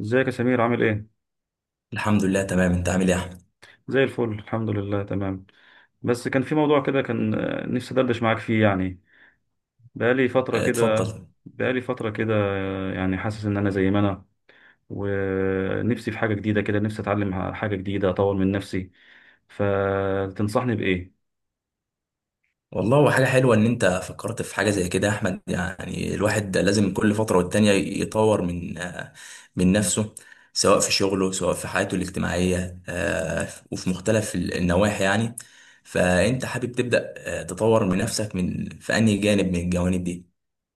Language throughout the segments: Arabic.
ازيك يا سمير؟ عامل ايه؟ الحمد لله تمام. انت عامل ايه يا احمد؟ زي الفل، الحمد لله تمام. بس كان في موضوع كده، كان نفسي ادردش معاك فيه يعني. بقالي فترة اه، كده. اتفضل. بقالي فترة كده يعني حاسس ان انا زي ما انا. ونفسي في حاجة جديدة كده، نفسي اتعلم حاجة جديدة، اطور من نفسي. فتنصحني بايه؟ والله هو حاجه حلوه ان انت فكرت في حاجه زي كده يا احمد، يعني الواحد لازم كل فتره والتانيه يطور من نفسه، سواء في شغله سواء في حياته الاجتماعيه، وفي مختلف النواحي يعني. فانت حابب تبدا اه، تطور من نفسك من في انهي جانب من الجوانب دي؟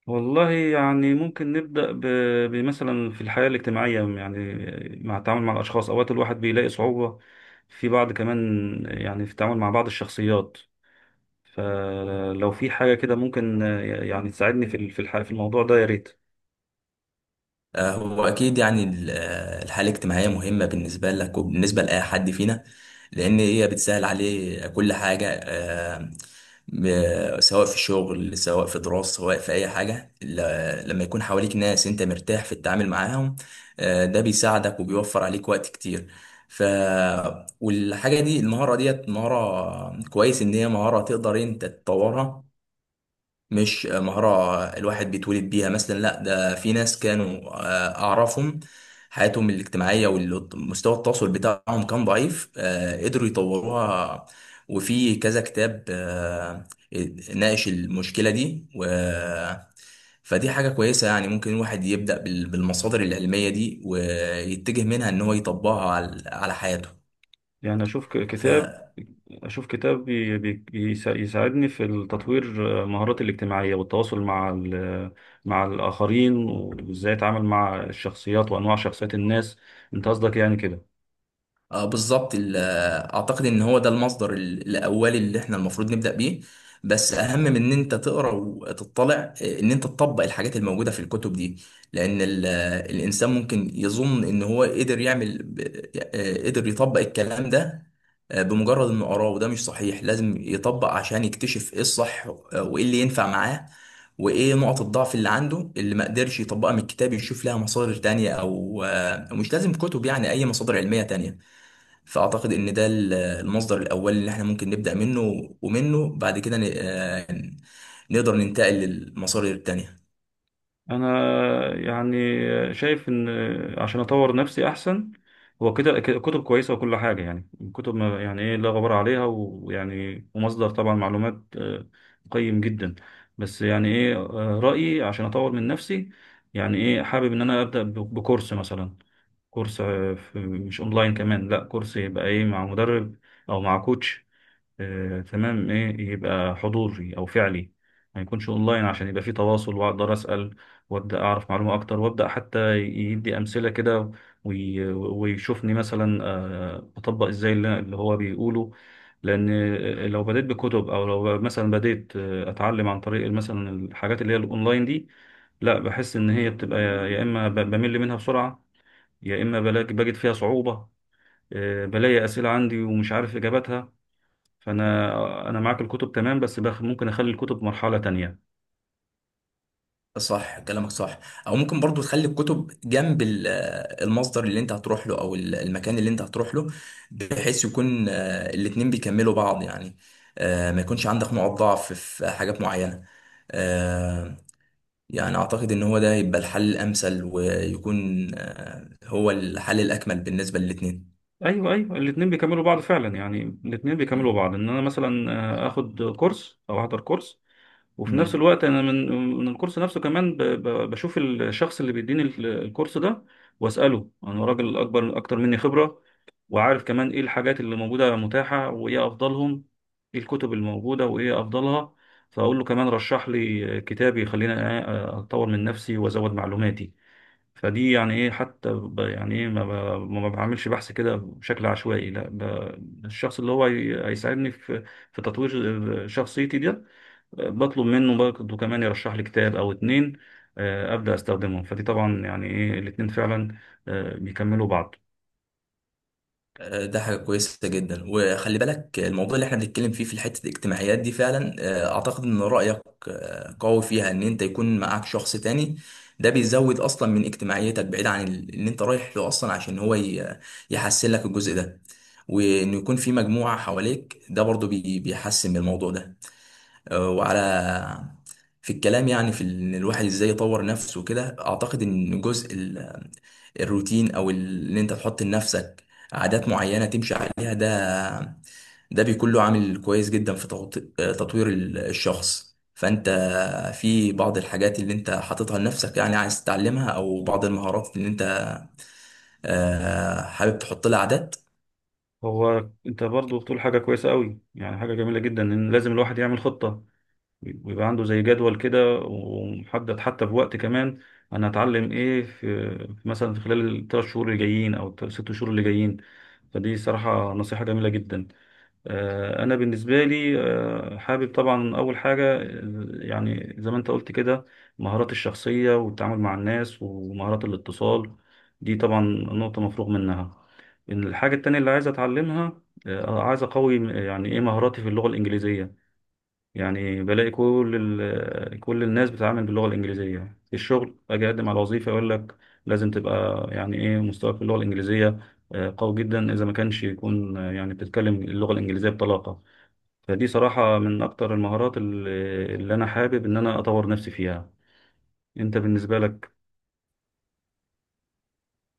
والله يعني ممكن نبدأ بمثلا في الحياة الاجتماعية يعني، مع التعامل مع الأشخاص. أوقات الواحد بيلاقي صعوبة في بعض كمان، يعني في التعامل مع بعض الشخصيات. فلو في حاجة كده ممكن يعني تساعدني في ال- في الح- في الموضوع ده يا ريت. هو أكيد يعني الحالة الاجتماعية مهمة بالنسبة لك وبالنسبة لأي حد فينا، لأن هي بتسهل عليه كل حاجة، سواء في شغل سواء في دراسة سواء في أي حاجة. لما يكون حواليك ناس أنت مرتاح في التعامل معاهم، ده بيساعدك وبيوفر عليك وقت كتير. ف والحاجة دي، المهارة ديت مهارة كويس، إن هي مهارة تقدر أنت تطورها، مش مهارة الواحد بيتولد بيها. مثلا لا، ده في ناس كانوا أعرفهم، حياتهم الاجتماعية ومستوى التواصل بتاعهم كان ضعيف، قدروا يطوروها. وفي كذا كتاب ناقش المشكلة دي، فدي حاجة كويسة يعني. ممكن الواحد يبدأ بالمصادر العلمية دي، ويتجه منها إن هو يطبقها على حياته. يعني أشوف كتاب، أشوف كتاب يساعدني في تطوير مهاراتي الاجتماعية والتواصل مع الآخرين، وإزاي أتعامل مع الشخصيات وأنواع شخصيات الناس. أنت قصدك يعني كده؟ اه بالظبط. اعتقد ان هو ده المصدر الاولي اللي احنا المفروض نبدا بيه. بس اهم من ان انت تقرا وتطلع، ان انت تطبق الحاجات الموجوده في الكتب دي. لان الانسان ممكن يظن ان هو قدر يعمل قدر يطبق الكلام ده بمجرد انه قراه، وده مش صحيح. لازم يطبق عشان يكتشف ايه الصح، وايه اللي ينفع معاه وايه نقط الضعف اللي عنده اللي ما قدرش يطبقها من الكتاب، يشوف لها مصادر تانية، او مش لازم كتب يعني، اي مصادر علميه تانية. فأعتقد إن ده المصدر الأول اللي إحنا ممكن نبدأ منه، ومنه بعد كده نقدر ننتقل للمصادر التانية. انا يعني شايف ان عشان اطور نفسي احسن، هو كده كده كتب كويسه وكل حاجه. يعني الكتب يعني ايه لا غبار عليها، ويعني ومصدر طبعا معلومات قيم جدا. بس يعني ايه، رايي عشان اطور من نفسي، يعني ايه حابب ان انا ابدا بكورس مثلا. كورس مش اونلاين كمان، لا، كورس يبقى ايه مع مدرب او مع كوتش. تمام، ايه يبقى حضوري او فعلي، ما يكونش اونلاين عشان يبقى في تواصل واقدر اسال، وابدا اعرف معلومه اكتر، وابدا حتى يدي امثله كده ويشوفني مثلا بطبق ازاي اللي هو بيقوله. لان لو بديت بكتب، او لو مثلا بديت اتعلم عن طريق مثلا الحاجات اللي هي الاونلاين دي، لا، بحس ان هي بتبقى يا اما بمل منها بسرعه، يا اما بلاقي بجد فيها صعوبه، بلاقي اسئله عندي ومش عارف اجابتها. فانا معاك الكتب تمام، بس ممكن اخلي الكتب مرحله تانية. صح كلامك صح. أو ممكن برضو تخلي الكتب جنب المصدر اللي أنت هتروح له، أو المكان اللي أنت هتروح له، بحيث يكون الاتنين بيكملوا بعض يعني. ما يكونش عندك نقط ضعف في حاجات معينة. آه، يعني أعتقد إن هو ده يبقى الحل الأمثل، ويكون هو الحل الأكمل بالنسبة للاتنين. ايوه ايوه، الاثنين بيكملوا بعض فعلا، يعني الاثنين بيكملوا بعض ان انا مثلا اخد كورس او احضر كورس، وفي نفس مم. الوقت انا من الكورس نفسه كمان بشوف الشخص اللي بيديني الكورس ده واساله. انا راجل اكبر، اكتر مني خبره، وعارف كمان ايه الحاجات اللي موجوده متاحه وايه افضلهم، ايه الكتب الموجوده وايه افضلها. فاقول له كمان رشح لي كتاب يخليني اطور من نفسي وازود معلوماتي. فدي يعني ايه، حتى ب- يعني ايه ما ب- ما بعملش بحث كده بشكل عشوائي، لا، الشخص اللي هو هيساعدني في تطوير شخصيتي دي، بطلب منه برضه كمان يرشح لي كتاب او اتنين ابدا استخدمهم. فدي طبعا يعني ايه الاتنين فعلا بيكملوا بعض. ده حاجة كويسة جدا. وخلي بالك الموضوع اللي احنا بنتكلم فيه في حتة الاجتماعيات دي، فعلا اعتقد ان رأيك قوي فيها، ان انت يكون معاك شخص تاني، ده بيزود اصلا من اجتماعيتك بعيد عن ان انت رايح له اصلا عشان هو يحسن لك الجزء ده. وانه يكون في مجموعة حواليك، ده برضو بيحسن من الموضوع ده. آه، وعلى في الكلام يعني، في ان الواحد ازاي يطور نفسه وكده، اعتقد ان جزء الروتين او ان انت تحط لنفسك عادات معينه تمشي عليها، ده بيكون له عامل كويس جدا في تطوير الشخص. فانت في بعض الحاجات اللي انت حاططها لنفسك يعني عايز تتعلمها، او بعض المهارات اللي انت حابب تحط لها عادات. هو انت برضه بتقول حاجه كويسه قوي، يعني حاجه جميله جدا ان لازم الواحد يعمل خطه، بيبقى عنده زي جدول كده ومحدد حتى بوقت كمان. انا هتعلم ايه في مثلا في خلال الثلاث شهور اللي جايين او الست شهور اللي جايين. فدي صراحة نصيحة جميلة جدا. أنا بالنسبة لي حابب طبعا أول حاجة، يعني زي ما أنت قلت كده مهارات الشخصية والتعامل مع الناس، ومهارات الاتصال، دي طبعا نقطة مفروغ منها. إن الحاجة التانية اللي عايز أتعلمها، عايز أقوي يعني إيه مهاراتي في اللغة الإنجليزية. يعني بلاقي كل كل الناس بتتعامل باللغة الإنجليزية في الشغل. أجي أقدم على وظيفة يقول لك لازم تبقى يعني إيه مستواك في اللغة الإنجليزية قوي جدا، إذا ما كانش يكون يعني بتتكلم اللغة الإنجليزية بطلاقة. فدي صراحة من أكتر المهارات اللي أنا حابب إن أنا أطور نفسي فيها. أنت بالنسبة لك؟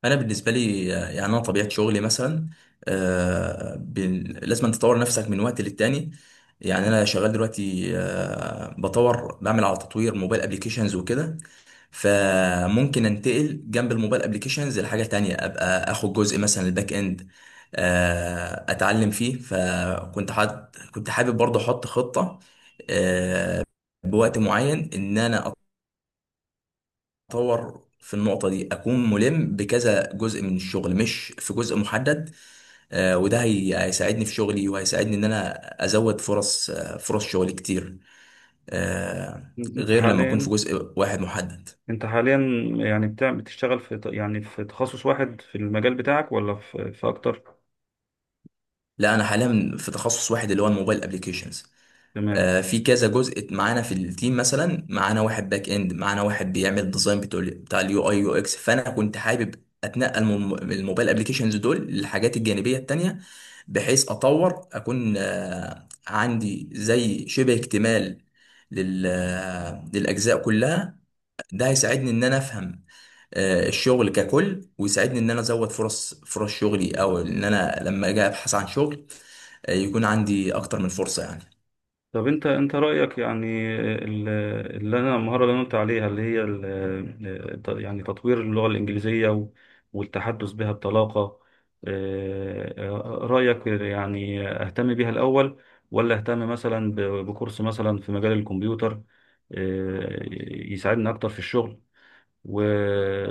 انا بالنسبه لي يعني انا طبيعه شغلي مثلا لازم تطور نفسك من وقت للتاني. يعني انا شغال دلوقتي آه، بطور بعمل على تطوير موبايل ابليكيشنز وكده. فممكن انتقل جنب الموبايل ابليكيشنز لحاجه تانية، ابقى اخد جزء مثلا الباك اند، اتعلم فيه. فكنت حد كنت حابب برضه احط خطه آه، بوقت معين ان انا اطور في النقطه دي، اكون ملم بكذا جزء من الشغل مش في جزء محدد. وده هيساعدني في شغلي وهيساعدني ان انا ازود فرص شغل كتير، أنت غير لما اكون في حاليا جزء واحد محدد. أنت حاليا يعني بتشتغل في يعني في تخصص واحد في المجال بتاعك، ولا في أكتر؟ لا، انا حاليا في تخصص واحد، اللي هو الموبايل ابلكيشنز. تمام. في كذا جزء معانا في التيم، مثلا معانا واحد باك اند، معانا واحد بيعمل ديزاين بتاع اليو اي يو اكس. فانا كنت حابب اتنقل من الموبايل ابلكيشنز دول للحاجات الجانبيه التانيه، بحيث اطور اكون عندي زي شبه اكتمال لل آه، للاجزاء كلها. ده هيساعدني ان انا افهم الشغل ككل، ويساعدني ان انا ازود فرص شغلي، او ان انا لما اجي ابحث عن شغل يكون عندي اكتر من فرصه يعني. طب انت رايك يعني ال- اللي انا، المهاره اللي انا قلت عليها، اللي هي يعني تطوير اللغه الانجليزيه والتحدث بها بطلاقه، اه، رايك يعني اهتم بيها الاول ولا اهتم مثلا بكورس مثلا في مجال الكمبيوتر اه، يساعدني اكتر في الشغل؟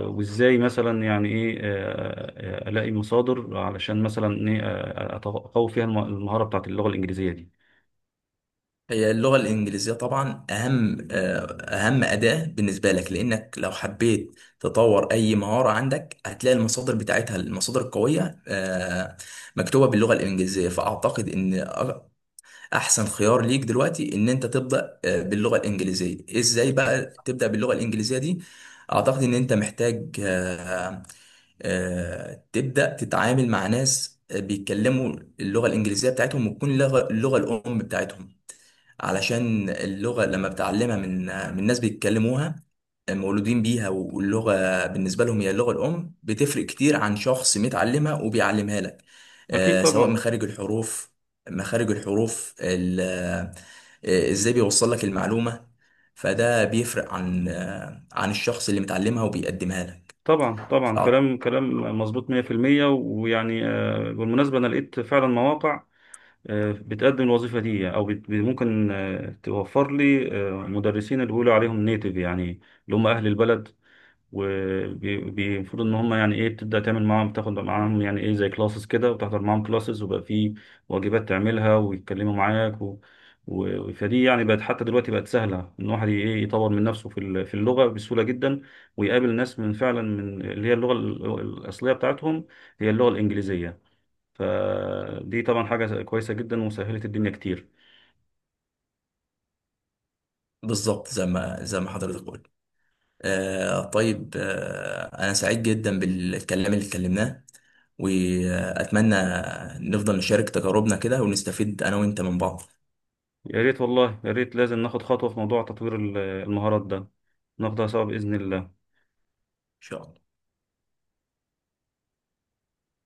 وازاي مثلا يعني ايه الاقي مصادر علشان مثلا ايه اقوي فيها المهاره بتاعت اللغه الانجليزيه دي. هي اللغة الإنجليزية طبعا أهم أداة بالنسبة لك، لأنك لو حبيت تطور أي مهارة عندك هتلاقي المصادر بتاعتها، المصادر القوية مكتوبة باللغة الإنجليزية. فأعتقد إن أحسن خيار ليك دلوقتي إن أنت تبدأ باللغة الإنجليزية. إزاي بقى تبدأ باللغة الإنجليزية دي؟ أعتقد إن أنت محتاج تبدأ تتعامل مع ناس بيتكلموا اللغة الإنجليزية بتاعتهم، وتكون اللغة الأم بتاعتهم، علشان اللغة لما بتعلمها من ناس بيتكلموها مولودين بيها، واللغة بالنسبة لهم هي اللغة الأم، بتفرق كتير عن شخص متعلمها وبيعلمها لك. اكيد سواء طبعا. مخارج الحروف، مخارج الحروف ازاي بيوصل لك المعلومة، فده بيفرق عن الشخص اللي متعلمها وبيقدمها لك. طبعا ف- طبعا كلام كلام مظبوط 100%. ويعني بالمناسبة أنا لقيت فعلا مواقع بتقدم الوظيفة دي، أو ممكن توفر لي مدرسين اللي بيقولوا عليهم نيتيف، يعني اللي هم أهل البلد. وبيفرض ان هم يعني ايه بتبدا تعمل معاهم، تاخد معاهم يعني ايه زي كلاسز كده، وتحضر معاهم كلاسز، وبقى في واجبات تعملها ويتكلموا معاك، فدي يعني بقت حتى دلوقتي بقت سهله ان الواحد ايه يطور من نفسه في اللغه بسهوله جدا، ويقابل ناس من فعلا من اللي هي اللغه الاصليه بتاعتهم، هي اللغه الانجليزيه. فدي طبعا حاجه كويسه جدا وسهلت الدنيا كتير. بالظبط زي ما زي ما حضرتك قلت. آه طيب، أنا سعيد جدا بالكلام اللي اتكلمناه، وأتمنى نفضل نشارك تجاربنا كده ونستفيد أنا وأنت من بعض، إن يا ريت والله، يا ريت لازم ناخد خطوه في موضوع تطوير المهارات ده، ناخدها سوا باذن الله. شاء الله.